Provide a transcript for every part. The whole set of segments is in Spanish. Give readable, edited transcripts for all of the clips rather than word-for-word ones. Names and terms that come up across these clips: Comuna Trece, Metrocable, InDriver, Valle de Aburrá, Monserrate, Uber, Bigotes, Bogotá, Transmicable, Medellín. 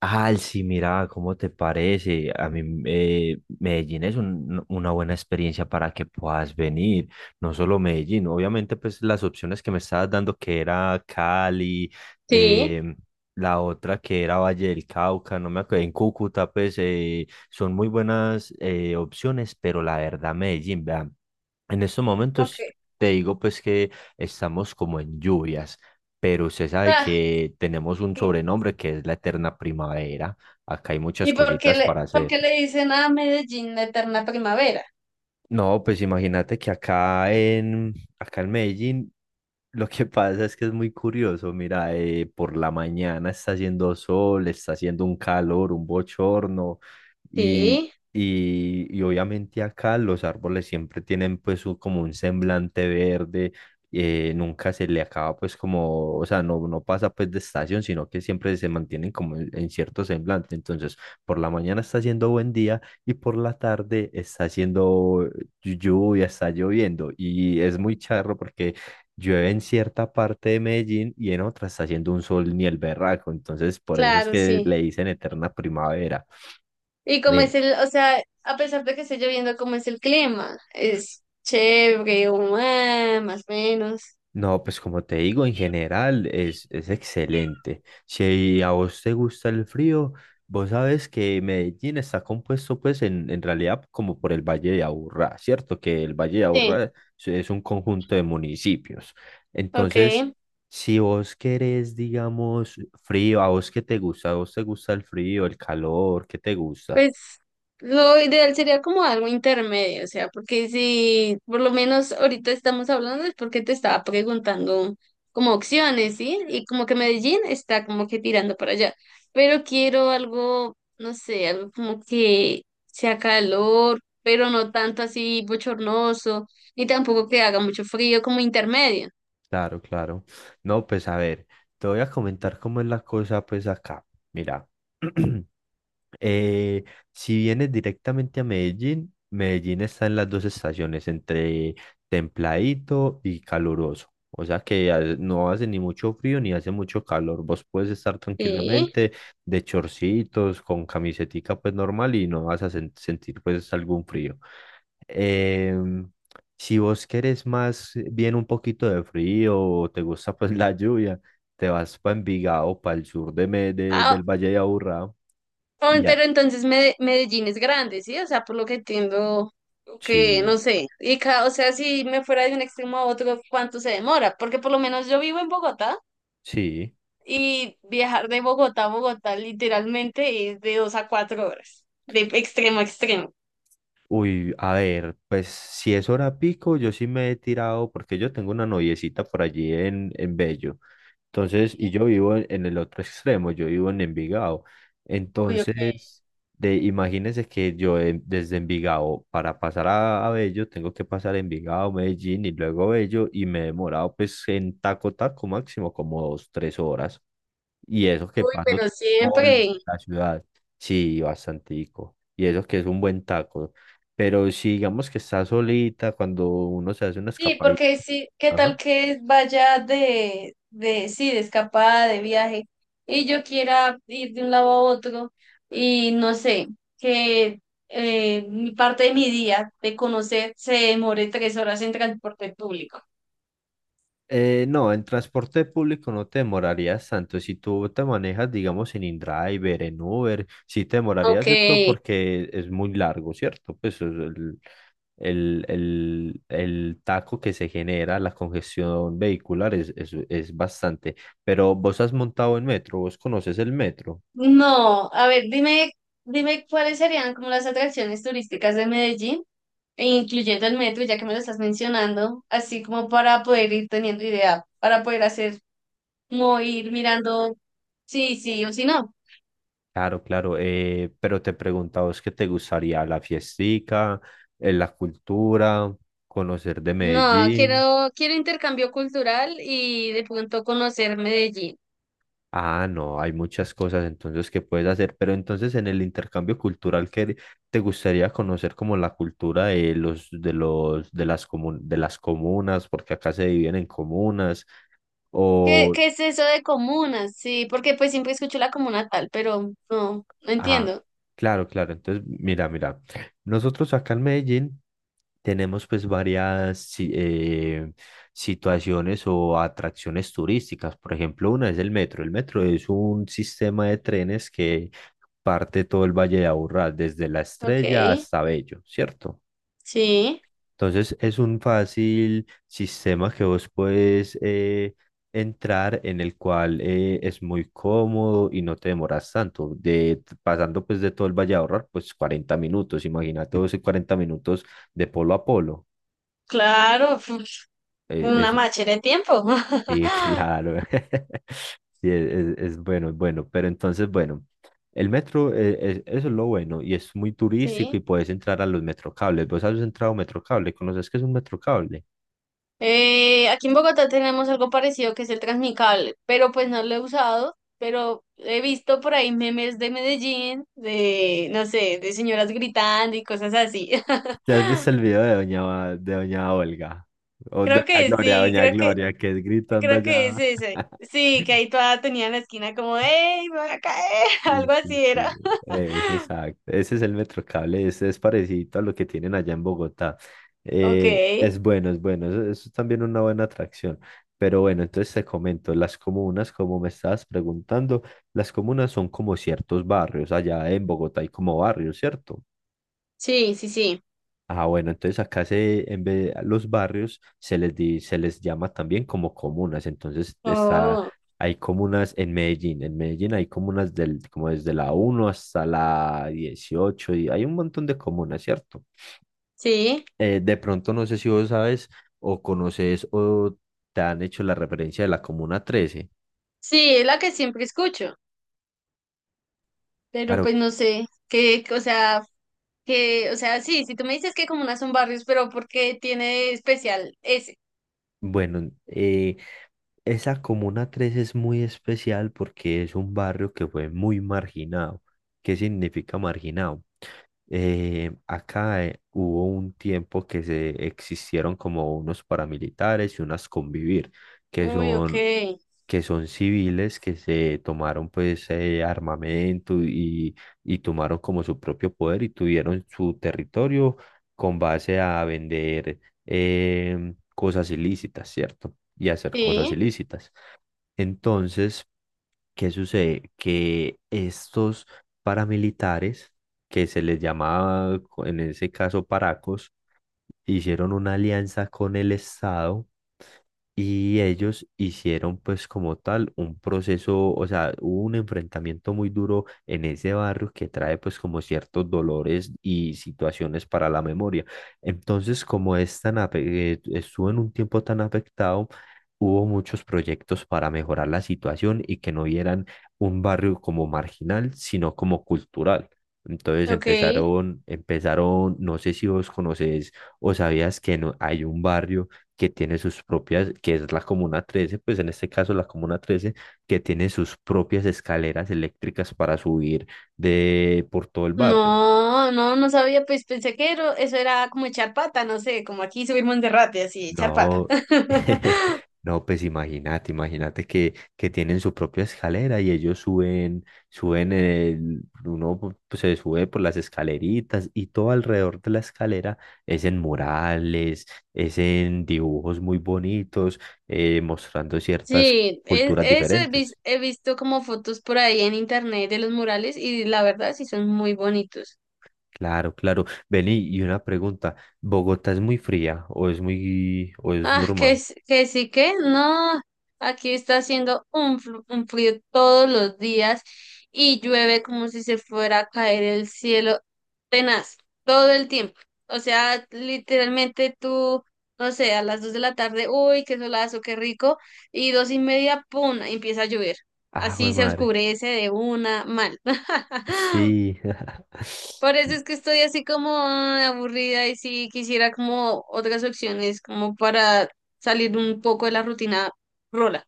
Ah, sí, mira, ¿cómo te parece? A mí Medellín es una buena experiencia para que puedas venir, no solo Medellín, obviamente pues las opciones que me estabas dando que era Cali, Sí. eh, la otra que era Valle del Cauca, no me acuerdo, en Cúcuta pues son muy buenas opciones, pero la verdad Medellín, vean. En estos momentos Porque, te digo pues que estamos como en lluvias, pero usted sabe ah, que tenemos un sí. sobrenombre que es la eterna primavera. Acá hay muchas ¿Y cositas para por hacer. qué le dicen a Medellín la eterna primavera? No, pues imagínate que acá en Medellín lo que pasa es que es muy curioso. Mira, por la mañana está haciendo sol, está haciendo un calor, un bochorno. Y, Sí, y obviamente acá los árboles siempre tienen pues como un semblante verde, nunca se le acaba pues como, o sea, no pasa pues de estación, sino que siempre se mantienen como en cierto semblante. Entonces, por la mañana está haciendo buen día y por la tarde está haciendo lluvia, está lloviendo y es muy charro porque llueve en cierta parte de Medellín y en otra está haciendo un sol ni el berraco. Entonces, por eso es claro, que sí. le dicen eterna primavera. ¿Y como Eh, es el, o sea, a pesar de que esté lloviendo, como es el clima? ¿Es chévere, o, ah, más o menos? No, pues como te digo, en general es excelente. Si a vos te gusta el frío, vos sabes que Medellín está compuesto pues en realidad como por el Valle de Aburrá, ¿cierto? Que el Valle de Sí, Aburrá es un conjunto de municipios. ok. Entonces, si vos querés, digamos, frío, a vos qué te gusta, a vos te gusta el frío, el calor, ¿qué te gusta? Pues lo ideal sería como algo intermedio, o sea, porque si por lo menos ahorita estamos hablando es porque te estaba preguntando como opciones, ¿sí? Y como que Medellín está como que tirando para allá, pero quiero algo, no sé, algo como que sea calor, pero no tanto así bochornoso, ni tampoco que haga mucho frío, como intermedio, Claro, claro. No, pues a ver, te voy a comentar cómo es la cosa, pues acá. Mira, eh, si vienes directamente a Medellín, Medellín está en las dos estaciones, entre templadito y caluroso. O sea que no hace ni mucho frío ni hace mucho calor. Vos puedes estar ¿sí? tranquilamente de chorcitos, con camisetica pues normal y no vas a sentir pues algún frío. Em, si vos querés más bien un poquito de frío o te gusta pues la lluvia, te vas para Envigado, para el sur Ah, del Valle de Aburrá. oh, Y ya. pero entonces Medellín es grande, ¿sí? O sea, por lo que entiendo, que Sí, no sé. Y o sea, si me fuera de un extremo a otro, ¿cuánto se demora? Porque por lo menos yo vivo en Bogotá sí. y viajar de Bogotá a Bogotá literalmente es de 2 a 4 horas, de extremo a extremo. Uy, a ver, pues si es hora pico, yo sí me he tirado, porque yo tengo una noviecita por allí en Bello. Entonces, y yo vivo en el otro extremo, yo vivo en Envigado. Uy, ok. Entonces, imagínense que yo desde Envigado para pasar a Bello, tengo que pasar Envigado, Medellín y luego Bello y me he demorado pues en taco máximo como dos, tres horas. Y eso que Uy, paso pero toda siempre. la ciudad, sí, bastantico. Y eso que es un buen taco. Pero si digamos que está solita, cuando uno se hace una Sí, escapadita, porque sí, ¿qué ajá. tal que vaya sí, de escapada, de viaje, y yo quiera ir de un lado a otro, y no sé, que mi parte de mi día de conocer se demore 3 horas en transporte público? No, en transporte público no te demorarías tanto. Si tú te manejas, digamos, en InDriver, en Uber, sí te Ok, demorarías eso porque es muy largo, ¿cierto? Pues el taco que se genera, la congestión vehicular es bastante. Pero vos has montado en metro, vos conoces el metro. no, a ver, dime, dime cuáles serían como las atracciones turísticas de Medellín, e incluyendo el metro, ya que me lo estás mencionando, así como para poder ir teniendo idea, para poder hacer, como ir mirando. Sí, sí, o si no. Claro, claro. Pero te preguntaba vos qué te gustaría, la fiestica, la cultura, conocer de No, Medellín. quiero, quiero intercambio cultural y de pronto conocer Medellín. Ah, no, hay muchas cosas entonces que puedes hacer, pero entonces en el intercambio cultural que te gustaría conocer como la cultura de las comunas, porque acá se dividen en comunas, ¿Qué, o qué es eso de comunas? Sí, porque pues siempre escucho la comuna tal, pero no, no Ah, entiendo. claro, claro. Entonces, mira, mira. Nosotros acá en Medellín tenemos pues varias situaciones o atracciones turísticas. Por ejemplo, una es el metro. El metro es un sistema de trenes que parte todo el Valle de Aburrá, desde La Ok, Estrella hasta Bello, ¿cierto? sí, Entonces es un fácil sistema que vos puedes entrar en el cual es muy cómodo y no te demoras tanto. Pasando pues de todo el Valle a ahorrar, pues 40 minutos. Imagínate vos en 40 minutos de polo a polo. claro, Eh, una es, machera de tiempo. sí, claro. Sí, es, es bueno, es bueno. Pero entonces, bueno, el metro, eso es lo bueno y es muy turístico y Sí. puedes entrar a los metrocables. ¿Vos has entrado a un metrocable? ¿Conoces qué es un metrocable? Aquí en Bogotá tenemos algo parecido que es el Transmicable, pero pues no lo he usado, pero he visto por ahí memes de Medellín, de, no sé, de señoras gritando y cosas así. ¿Te has visto el video de doña Olga? O Creo que sí, doña Gloria, que es gritando creo que allá. es ese. Sí, que ahí toda tenía en la esquina como, ¡Ey, me voy a caer! Sí, Algo sí, así era. sí. Es exacto. Ese es el Metrocable, ese es parecido a lo que tienen allá en Bogotá. Ok, Es bueno, es bueno, eso es también una buena atracción. Pero bueno, entonces te comento, las comunas, como me estabas preguntando, las comunas son como ciertos barrios, allá en Bogotá hay como barrios, ¿cierto? sí, sí, sí. Ah, bueno, entonces en vez de los barrios se les llama también como comunas. Entonces Oh, hay comunas en Medellín. En Medellín hay comunas como desde la uno hasta la 18 y hay un montón de comunas, ¿cierto? sí, De pronto no sé si vos sabes o conoces o te han hecho la referencia de la comuna 13. sí, es la que siempre escucho, pero Claro. pues no sé, que, o sea, sí, si tú me dices que comunas son barrios, pero ¿por ¿qué tiene de especial ese? Bueno, esa Comuna 3 es muy especial porque es un barrio que fue muy marginado. ¿Qué significa marginado? Acá hubo un tiempo que se existieron como unos paramilitares y unas convivir, que Uy, ok, son, que son civiles que se tomaron pues armamento y tomaron como su propio poder y tuvieron su territorio con base a vender cosas ilícitas, ¿cierto? Y hacer cosas sí, ilícitas. Entonces, ¿qué sucede? Que estos paramilitares, que se les llamaba en ese caso paracos, hicieron una alianza con el Estado y ellos hicieron pues como tal un proceso, o sea, hubo un enfrentamiento muy duro en ese barrio que trae pues como ciertos dolores y situaciones para la memoria. Entonces, como es estuvo en un tiempo tan afectado, hubo muchos proyectos para mejorar la situación y que no vieran un barrio como marginal, sino como cultural. Entonces ok. Empezaron, no sé si vos conocés. ¿O sabías que no, hay un barrio que tiene sus propias, que es la Comuna 13 pues en este caso la Comuna 13 que tiene sus propias escaleras eléctricas para subir por todo el barrio? No, no, no sabía, pues pensé que eso era como echar pata, no sé, como aquí subir Monserrate, así, echar pata. No, no, pues imagínate, imagínate que tienen su propia escalera y ellos suben uno pues, se sube por las escaleritas y todo alrededor de la escalera es en murales, es en dibujos muy bonitos, mostrando ciertas Sí, culturas eso diferentes. he visto como fotos por ahí en internet de los murales y la verdad sí son muy bonitos. Claro, claro. Vení, y una pregunta, ¿Bogotá es muy fría o es o es Ah, que, normal? Que sí, que no. Aquí está haciendo un, un frío todos los días y llueve como si se fuera a caer el cielo, tenaz todo el tiempo. O sea, literalmente tú, no sé, a las 2 de la tarde, uy, qué solazo, qué rico, y dos y media, pum, empieza a llover. Ah, jue Así se madre. oscurece de una mal. Sí. Por eso es que estoy así como ah, aburrida y sí quisiera como otras opciones, como para salir un poco de la rutina rola.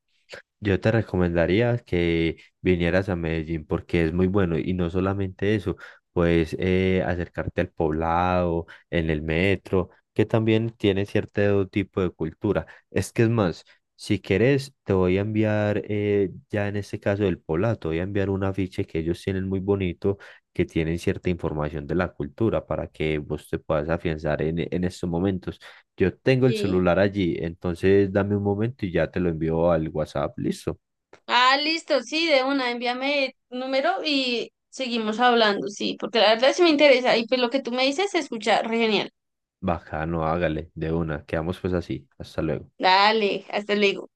Yo te recomendaría que vinieras a Medellín porque es muy bueno y no solamente eso, pues acercarte al poblado, en el metro, que también tiene cierto tipo de cultura. Es que es más, si quieres, te voy a enviar, ya en este caso del poblado, te voy a enviar un afiche que ellos tienen muy bonito, que tienen cierta información de la cultura para que vos te puedas afianzar en estos momentos. Yo tengo el Sí. celular allí, entonces dame un momento y ya te lo envío al WhatsApp. Listo. Ah, listo, sí, de una, envíame el número y seguimos hablando, sí, porque la verdad sí me interesa y pues lo que tú me dices se escucha re genial. Bacano, hágale, de una. Quedamos pues así. Hasta luego. Dale, hasta luego.